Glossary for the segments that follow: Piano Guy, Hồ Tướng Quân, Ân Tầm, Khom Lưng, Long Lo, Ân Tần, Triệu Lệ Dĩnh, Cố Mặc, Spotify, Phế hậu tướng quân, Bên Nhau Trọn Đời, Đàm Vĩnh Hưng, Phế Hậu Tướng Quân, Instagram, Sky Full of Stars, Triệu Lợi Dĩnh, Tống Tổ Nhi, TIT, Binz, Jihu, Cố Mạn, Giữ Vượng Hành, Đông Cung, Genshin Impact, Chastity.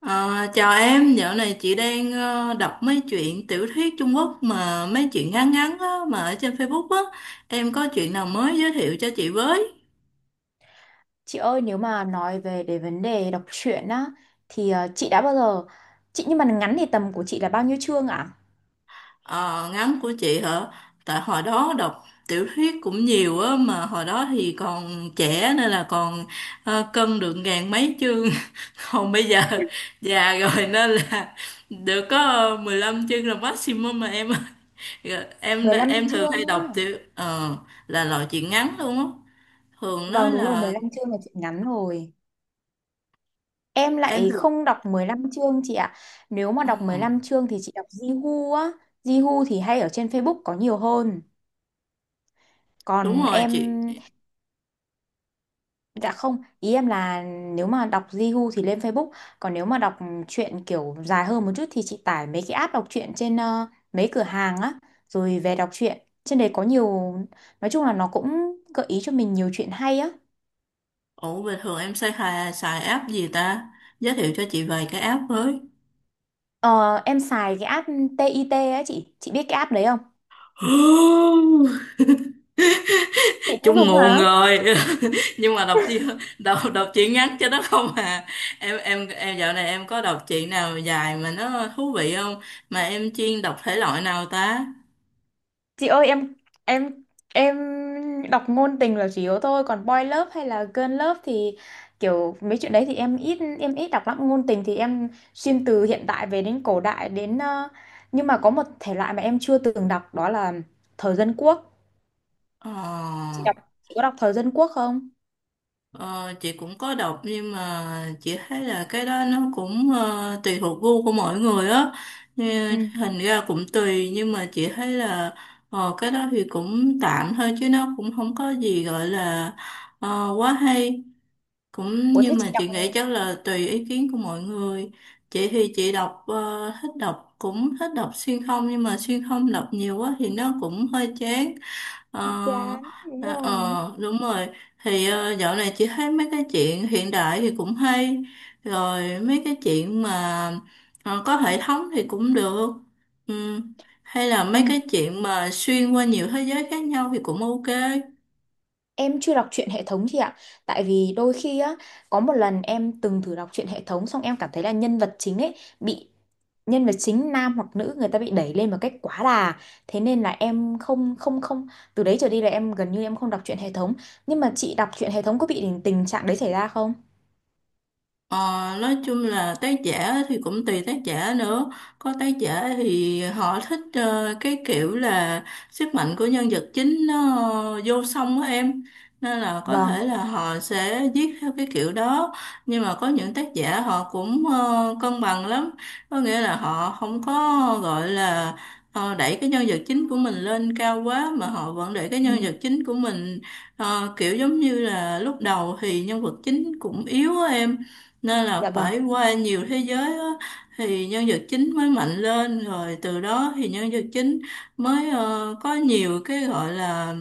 Ờ, Chào em, dạo này chị đang đọc mấy chuyện tiểu thuyết Trung Quốc mà mấy chuyện ngắn ngắn á, mà ở trên Facebook á. Em có chuyện nào mới giới thiệu cho chị với? Chị ơi nếu mà nói về cái vấn đề đọc truyện á thì chị đã bao giờ chị nhưng mà ngắn thì tầm của chị là bao nhiêu chương ạ? Ờ, Ngắn của chị hả? Tại hồi đó đọc tiểu thuyết cũng nhiều á, mà hồi đó thì còn trẻ nên là còn cân được ngàn mấy chương. Còn bây giờ già rồi nên là được có 15 chương là maximum mà em. Rồi. Em 15 em thường hay chương á. đọc là loại chuyện ngắn luôn á. Thường nó Vâng đúng rồi, là 15 chương là chị ngắn rồi. Em em lại được. không đọc 15 chương chị ạ. Nếu mà Ờ, đọc 15 chương thì chị đọc Jihu á. Jihu thì hay ở trên Facebook có nhiều hơn. Đúng Còn rồi em chị. dạ không, ý em là nếu mà đọc Jihu thì lên Facebook, còn nếu mà đọc truyện kiểu dài hơn một chút thì chị tải mấy cái app đọc truyện trên mấy cửa hàng á, rồi về đọc truyện. Trên đấy có nhiều, nói chung là nó cũng gợi ý cho mình nhiều chuyện hay á. Ủa bình thường em xài app gì ta? Giới thiệu cho chị vài cái app với. Ờ, em xài cái app TIT á chị biết cái app đấy không? Chị cũng Chung dùng nguồn hả? rồi. Nhưng mà đọc chị đọc đọc chị ngắn cho nó không à? Em dạo này em có đọc chị nào dài mà nó thú vị không? Mà em chuyên đọc thể loại nào ta? Chị ơi em em em đọc ngôn tình là chủ yếu thôi, còn boy love hay là girl love thì kiểu mấy chuyện đấy thì em ít đọc lắm. Ngôn tình thì em xuyên từ hiện đại về đến cổ đại đến nhưng mà có một thể loại mà em chưa từng đọc đó là thời dân quốc. ờ Chị đọc, chị có đọc thời dân quốc không? Ờ, chị cũng có đọc nhưng mà chị thấy là cái đó nó cũng tùy thuộc gu của mỗi người á. Ừ. Như hình ra cũng tùy nhưng mà chị thấy là cái đó thì cũng tạm thôi chứ nó cũng không có gì gọi là quá hay. Cũng Ủa thế nhưng chị mà đọc chị nghĩ chắc là tùy ý kiến của mọi người. Chị thì chị đọc thích đọc cũng thích đọc xuyên không nhưng mà xuyên không đọc nhiều quá thì nó cũng hơi chán. Ờ, bị chán đúng rồi. Đúng rồi. Thì dạo này chị thấy mấy cái chuyện hiện đại thì cũng hay, rồi mấy cái chuyện mà có hệ thống thì cũng được. Ừ. Hay là Ừ. mấy cái chuyện mà xuyên qua nhiều thế giới khác nhau thì cũng ok. Em chưa đọc truyện hệ thống chị ạ. Tại vì đôi khi á có một lần em từng thử đọc truyện hệ thống. Xong em cảm thấy là nhân vật chính ấy bị, nhân vật chính nam hoặc nữ người ta bị đẩy lên một cách quá đà, thế nên là em không không không từ đấy trở đi là em gần như em không đọc truyện hệ thống. Nhưng mà chị đọc truyện hệ thống có bị tình tình trạng đấy xảy ra không? Ờ, nói chung là tác giả thì cũng tùy tác giả nữa. Có tác giả thì họ thích cái kiểu là sức mạnh của nhân vật chính nó vô song á em, nên là có Vâng. thể là họ sẽ viết theo cái kiểu đó. Nhưng mà có những tác giả họ cũng cân bằng lắm, có nghĩa là họ không có gọi là đẩy cái nhân vật chính của mình lên cao quá mà họ vẫn để cái Ừ. nhân vật chính của mình kiểu giống như là lúc đầu thì nhân vật chính cũng yếu á em, nên là Dạ vâng. phải qua nhiều thế giới á, thì nhân vật chính mới mạnh lên rồi từ đó thì nhân vật chính mới có nhiều cái gọi là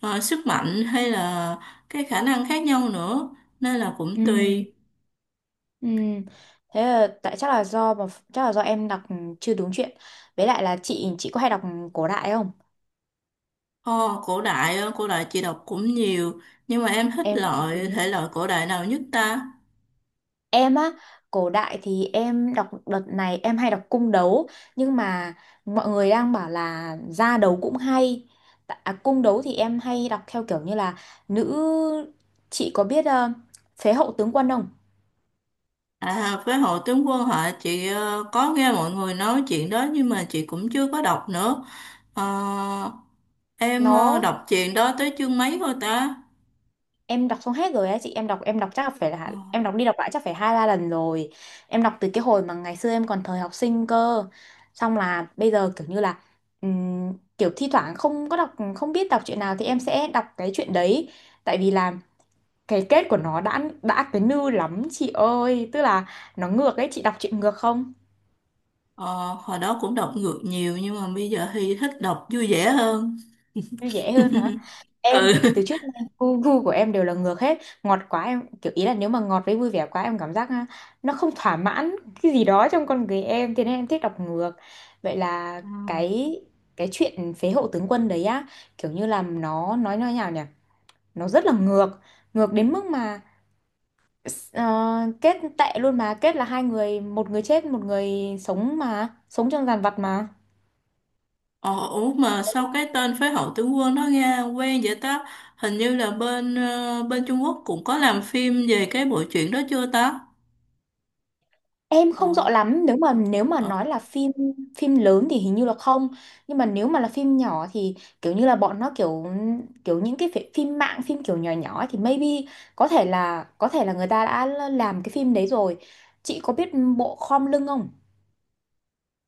sức mạnh hay là cái khả năng khác nhau nữa, nên là Ừ. cũng tùy. Ừ. Thế là, tại chắc là do mà chắc là do em đọc chưa đúng chuyện. Với lại là chị có hay đọc cổ đại không? Ồ, cổ đại á, cổ đại chị đọc cũng nhiều, nhưng mà em thích Em cũng loại thế. thể loại cổ đại nào nhất ta? Em á, cổ đại thì em đọc, đợt này em hay đọc cung đấu, nhưng mà mọi người đang bảo là ra đấu cũng hay. Cung đấu thì em hay đọc theo kiểu như là nữ, chị có biết Phế Hậu Tướng Quân không? À, với Hồ Tướng Quân hả? Chị có nghe mọi người nói chuyện đó nhưng mà chị cũng chưa có đọc nữa. Ờ, em Nó đọc chuyện đó tới chương mấy thôi ta? em đọc xong hết rồi á chị. Em đọc, em đọc chắc là phải Ờ, là em đọc đi đọc lại chắc phải 2-3 lần rồi. Em đọc từ cái hồi mà ngày xưa em còn thời học sinh cơ, xong là bây giờ kiểu như là kiểu thi thoảng không có đọc, không biết đọc chuyện nào thì em sẽ đọc cái chuyện đấy. Tại vì là cái kết của nó đã cái nư lắm chị ơi, tức là nó ngược ấy. Chị đọc chuyện ngược không? ờ, Hồi đó cũng đọc ngược nhiều nhưng mà bây giờ thì thích đọc vui vẻ hơn. Như dễ hơn hả? Em Ừ. thì từ trước nay gu của em đều là ngược hết, ngọt quá em kiểu ý là nếu mà ngọt với vui vẻ quá em cảm giác nó không thỏa mãn cái gì đó trong con người em, thế nên em thích đọc ngược. Vậy là Ừ. cái chuyện Phế Hậu Tướng Quân đấy á kiểu như là nó nói như thế nào nhỉ, nó rất là ngược, ngược đến mức mà ờ, kết tệ luôn, mà kết là hai người, một người chết, một người sống mà sống trong dàn vật mà. Ờ, Ủa mà sao cái tên Phế Hậu Tướng Quân nó nghe quen vậy ta? Hình như là bên Trung Quốc cũng có làm phim về cái bộ truyện đó chưa ta? Em không rõ Ờ, lắm, nếu mà ờ. nói là phim, phim lớn thì hình như là không, nhưng mà nếu mà là phim nhỏ thì kiểu như là bọn nó kiểu, kiểu những cái phim mạng phim kiểu nhỏ nhỏ ấy thì maybe có thể là, có thể là người ta đã làm cái phim đấy rồi. Chị có biết bộ Khom Lưng không?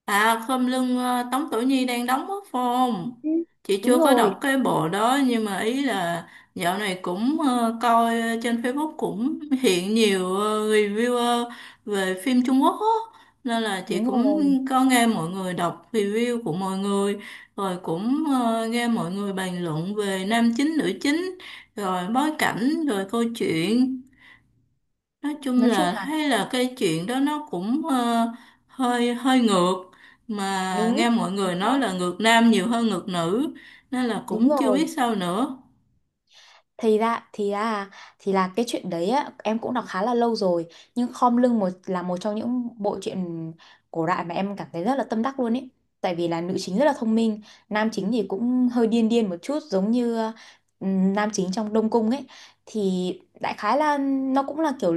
À khom lưng, Tống Tổ Nhi đang đóng mất phong. Ừ. Chị chưa Đúng có đọc rồi, cái bộ đó nhưng mà ý là dạo này cũng coi trên Facebook cũng hiện nhiều reviewer về phim Trung Quốc á. Nên là chị đúng cũng rồi, có nghe mọi người đọc review của mọi người rồi cũng nghe mọi người bàn luận về nam chính nữ chính rồi bối cảnh rồi câu chuyện, nói chung nói chung là là thấy là cái chuyện đó nó cũng hơi hơi ngược, mà đúng, nghe mọi chính người nói xác, là ngược nam nhiều hơn ngược nữ nên là đúng cũng chưa biết rồi, sao nữa. thì ra thì ra, thì là cái chuyện đấy á, em cũng đọc khá là lâu rồi, nhưng Khom Lưng một là một trong những bộ truyện cổ đại mà em cảm thấy rất là tâm đắc luôn ấy. Tại vì là nữ chính rất là thông minh, nam chính thì cũng hơi điên điên một chút giống như ừ, nam chính trong Đông Cung ấy. Thì đại khái là nó cũng là kiểu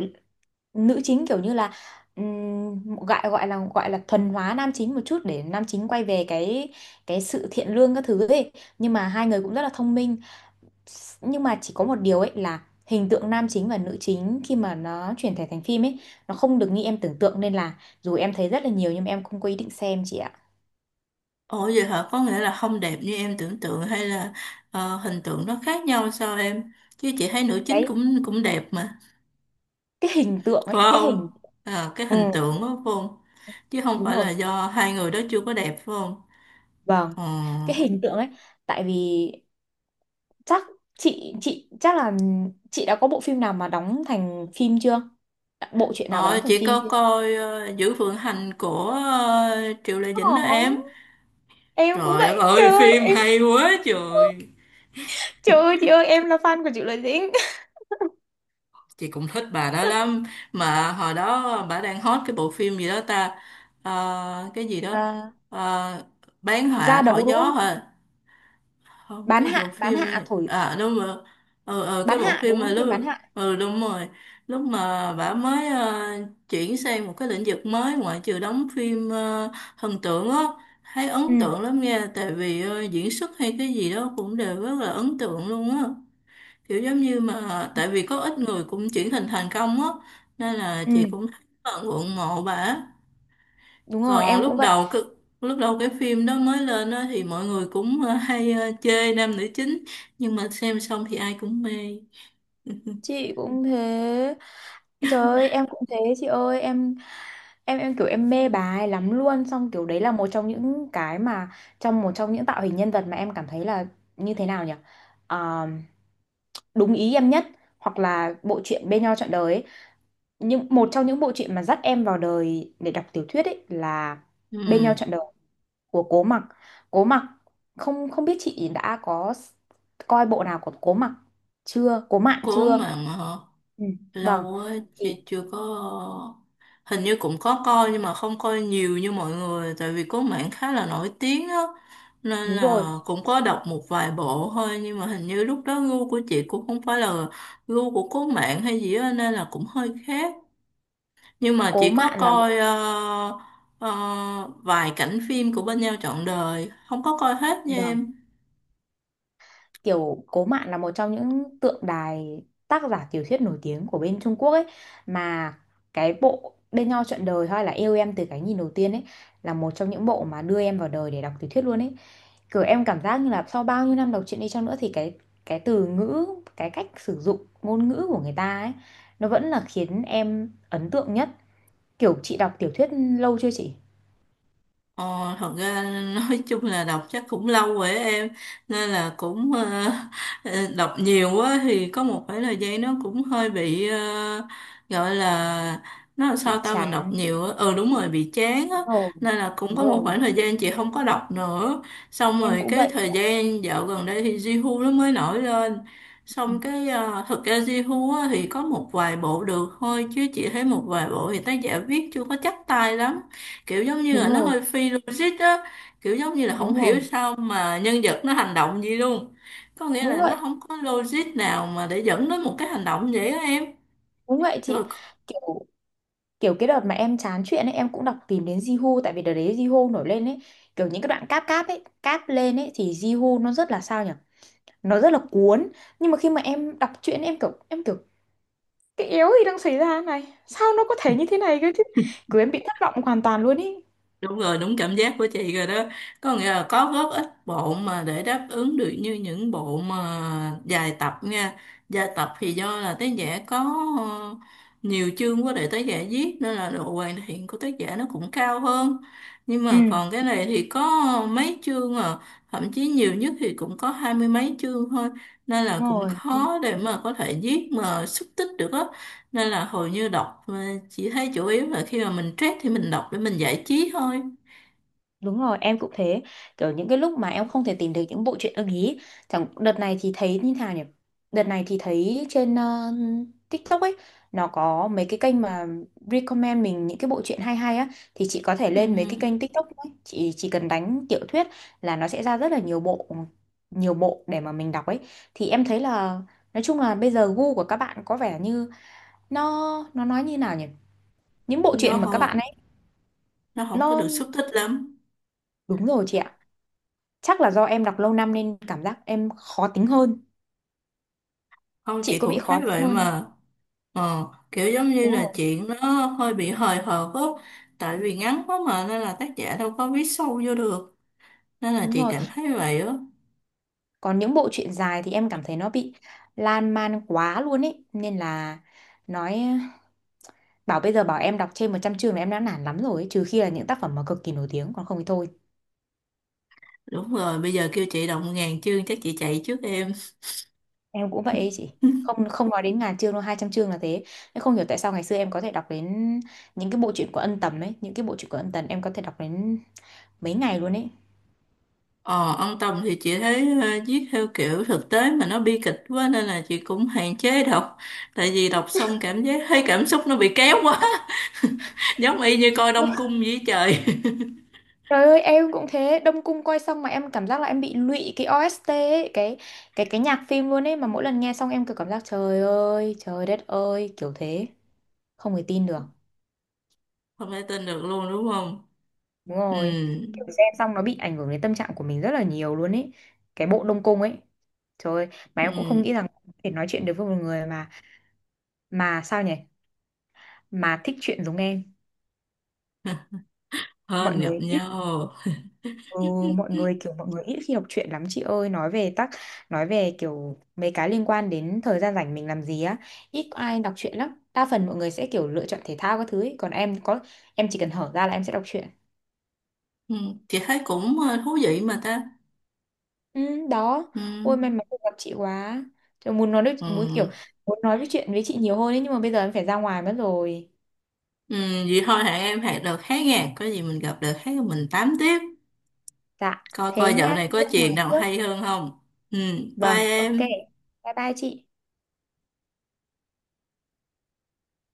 nữ chính kiểu như là gọi gọi là thuần hóa nam chính một chút để nam chính quay về cái sự thiện lương các thứ ấy. Nhưng mà hai người cũng rất là thông minh, nhưng mà chỉ có một điều ấy là hình tượng nam chính và nữ chính khi mà nó chuyển thể thành phim ấy nó không được như em tưởng tượng, nên là dù em thấy rất là nhiều nhưng mà em không có ý định xem chị ạ. Ủa vậy hả, có nghĩa là không đẹp như em tưởng tượng hay là hình tượng nó khác nhau sao em, chứ chị thấy nữ chính cái cũng cũng đẹp mà cái hình tượng phải ấy, cái hình, không? Cái ừ, hình tượng đó phải không, chứ không đúng phải rồi, là do hai người đó chưa có đẹp phải không? vâng, Ờ, cái hình tượng ấy. Tại vì chắc chị chắc là chị đã có bộ phim nào mà đóng thành phim chưa, bộ truyện nào mà ờ, đóng thành chị phim có chưa. coi Giữ Vượng Hành của Triệu Lệ Dĩnh đó em. Ồ, em cũng Trời đất vậy, trời ơi, ơi, phim hay quá trời. trời ơi chị ơi, em là fan của Triệu Lợi Dĩnh. Chị cũng thích bà đó lắm. Mà hồi đó bà đang hot cái bộ phim gì đó ta. Cái gì đó. À, Ờ, bán ra họa thổi đấu đúng gió không, hả? Không, bán cái bộ hạ, bán phim hạ này. thổi, À đúng rồi. Ừ, ừ, bán cái bộ hạ đúng phim mà không, phim lúc. bán hạ, Ừ, đúng rồi. Lúc mà bà mới chuyển sang một cái lĩnh vực mới ngoại trừ đóng phim thần tượng á. Thấy ừ, ấn tượng lắm nha. Tại vì diễn xuất hay cái gì đó cũng đều rất là ấn tượng luôn á. Kiểu giống như mà tại vì có ít người cũng chuyển hình thành công á, nên là ừ, chị cũng thấy rất là ngưỡng mộ bà. đúng rồi, Còn em lúc cũng vậy đầu cái lúc đầu cái phim đó mới lên á thì mọi người cũng hay chê nam nữ chính nhưng mà xem xong thì ai cũng mê. chị, cũng thế, trời ơi em cũng thế chị ơi, em em kiểu em mê bà ấy lắm luôn, xong kiểu đấy là một trong những cái mà trong một trong những tạo hình nhân vật mà em cảm thấy là như thế nào nhỉ, Ờ, đúng ý em nhất. Hoặc là bộ truyện Bên Nhau Trọn Đời ấy, những một trong những bộ truyện mà dắt em vào đời để đọc tiểu thuyết ấy là Ừ, Bên Nhau Trọn Đời của Cố Mặc. Cố Mặc, không không biết chị đã có coi bộ nào của Cố Mặc chưa? Cố Mạn cố chưa? mà họ. Ừ. Vâng, Lâu á chị thì chưa có. Hình như cũng có coi nhưng mà không coi nhiều như mọi người tại vì có mảng khá là nổi tiếng á, nên đúng rồi, là cũng có đọc một vài bộ thôi nhưng mà hình như lúc đó gu của chị cũng không phải là gu của cố mạng hay gì á, nên là cũng hơi khác. Nhưng mà Cố chị có Mạn là một, coi ờ, vài cảnh phim của Bên Nhau Trọn Đời, không có coi hết nha vâng, em. kiểu Cố Mạn là một trong những tượng đài tác giả tiểu thuyết nổi tiếng của bên Trung Quốc ấy. Mà cái bộ Bên Nhau Trọn Đời hay là Yêu Em Từ Cái Nhìn Đầu Tiên ấy là một trong những bộ mà đưa em vào đời để đọc tiểu thuyết luôn ấy. Kiểu em cảm giác như là sau bao nhiêu năm đọc truyện đi chăng nữa thì cái từ ngữ, cái cách sử dụng ngôn ngữ của người ta ấy nó vẫn là khiến em ấn tượng nhất. Kiểu chị đọc tiểu thuyết lâu chưa chị? Ờ, Thật ra nói chung là đọc chắc cũng lâu rồi á em, nên là cũng ờ, đọc nhiều quá thì có một khoảng thời gian nó cũng hơi bị gọi là nó làm sao Bị ta, mình đọc chán, nhiều á, ừ đúng rồi, bị chán á, đúng rồi. nên là cũng Đúng có một rồi, khoảng thời gian chị không có đọc nữa. Xong em rồi cũng cái vậy thời chị ạ. gian dạo gần đây thì Jihu nó mới nổi lên, Ừ, xong cái thực ra Jihu á, thì có một vài bộ được thôi chứ chị thấy một vài bộ thì tác giả viết chưa có chắc tay lắm, kiểu giống như đúng là nó rồi, hơi phi logic á, kiểu giống như là không đúng hiểu rồi. sao mà nhân vật nó hành động gì luôn, có nghĩa Đúng là nó vậy, không có logic nào mà để dẫn đến một cái hành động vậy á em. đúng vậy Rồi. chị. Kiểu kiểu cái đợt mà em chán chuyện ấy em cũng đọc tìm đến Jihu, tại vì đợt đấy Jihu nổi lên ấy, kiểu những cái đoạn cáp cáp ấy, cáp lên ấy thì Jihu nó rất là sao nhỉ? Nó rất là cuốn. Nhưng mà khi mà em đọc truyện em kiểu cái yếu gì đang xảy ra này, sao nó có thể như thế này cơ chứ, cứ em bị thất vọng hoàn toàn luôn ý. Đúng rồi, đúng cảm giác của chị rồi đó, có nghĩa là có góp ít bộ mà để đáp ứng được như những bộ mà dài tập nha. Dài tập thì do là tác giả có ờ, nhiều chương quá để tác giả viết nên là độ hoàn thiện của tác giả nó cũng cao hơn. Nhưng Ừ, mà còn cái này thì có mấy chương à, thậm chí nhiều nhất thì cũng có hai mươi mấy chương thôi, nên đúng là cũng rồi, khó để mà có thể viết mà xúc tích được á. Nên là hầu như đọc chị thấy chủ yếu là khi mà mình stress thì mình đọc để mình giải trí thôi. đúng rồi, em cũng thế. Kiểu những cái lúc mà em không thể tìm được những bộ truyện ưng ý. Chẳng đợt này thì thấy như nào nhỉ? Đợt này thì thấy trên TikTok ấy, nó có mấy cái kênh mà recommend mình những cái bộ truyện hay hay á, thì chị có thể Ừ, lên mấy cái kênh TikTok ấy, chị chỉ cần đánh tiểu thuyết là nó sẽ ra rất là nhiều bộ, nhiều bộ để mà mình đọc ấy. Thì em thấy là nói chung là bây giờ gu của các bạn có vẻ như nó nói như nào nhỉ? Những bộ truyện nó mà các bạn không ấy nó không có nó được xúc tích lắm. đúng rồi chị ạ. Chắc là do em đọc lâu năm nên cảm giác em khó tính hơn. Không, Chị chị có bị cũng khó thấy tính vậy hơn không? mà. ờ, Kiểu giống như Đúng là rồi, chuyện nó hơi bị hời hợt á, tại vì ngắn quá mà nên là tác giả đâu có viết sâu vô được, nên là đúng chị rồi. cảm thấy vậy á. Còn những bộ truyện dài thì em cảm thấy nó bị lan man quá luôn ấy. Nên là nói bảo bây giờ bảo em đọc trên 100 chương là em đã nản lắm rồi ấy. Trừ khi là những tác phẩm mà cực kỳ nổi tiếng còn không thì thôi. Đúng rồi, bây giờ kêu chị đọc ngàn chương chắc chị chạy trước em. Em cũng vậy ấy chị. Không không nói đến ngàn chương đâu, 200 chương là thế. Em không hiểu tại sao ngày xưa em có thể đọc đến những cái bộ truyện của Ân Tầm ấy, những cái bộ truyện của Ân Tần em có thể đọc đến mấy ngày luôn ấy. Ờ, ông Tùng thì chị thấy viết theo kiểu thực tế mà nó bi kịch quá nên là chị cũng hạn chế đọc, tại vì đọc xong cảm giác thấy cảm xúc nó bị kéo quá. Giống y như coi Đông Cung với trời. Trời ơi em cũng thế, Đông Cung coi xong mà em cảm giác là em bị lụy cái OST ấy, cái cái nhạc phim luôn ấy, mà mỗi lần nghe xong em kiểu cảm giác trời ơi trời đất ơi kiểu thế, không thể tin được, Không thể tin được luôn đúng không? đúng Ừ. rồi, kiểu xem xong nó bị ảnh hưởng đến tâm trạng của mình rất là nhiều luôn ấy, cái bộ Đông Cung ấy, trời ơi, mà em cũng không Ừ. nghĩ rằng có thể nói chuyện được với một người mà sao nhỉ mà thích chuyện giống em. Mọi Hên gặp người ít, nhau. ừ, mọi người kiểu mọi người ít khi đọc truyện lắm chị ơi, nói về tắc nói về kiểu mấy cái liên quan đến thời gian rảnh mình làm gì á, ít có ai đọc truyện lắm, đa phần mọi người sẽ kiểu lựa chọn thể thao các thứ ấy. Còn em có em chỉ cần hở ra là em sẽ đọc truyện. Ừ. Chị thấy cũng thú vị mà ta. Ừ, đó. Ừ. Ôi may mắn được gặp chị quá. Trời, muốn nói được Ừ. muốn kiểu muốn nói với chuyện với chị nhiều hơn ấy nhưng mà bây giờ em phải ra ngoài mất rồi. Ừ. Vậy thôi, hẹn em, hẹn đợt khác nha, có gì mình gặp đợt khác mình tám tiếp. Dạ Coi coi thế nhá dạo này em đi có ra chuyện ngoài nào trước. hay hơn không. Ừ. Bye Vâng, ok. em. Bye bye chị.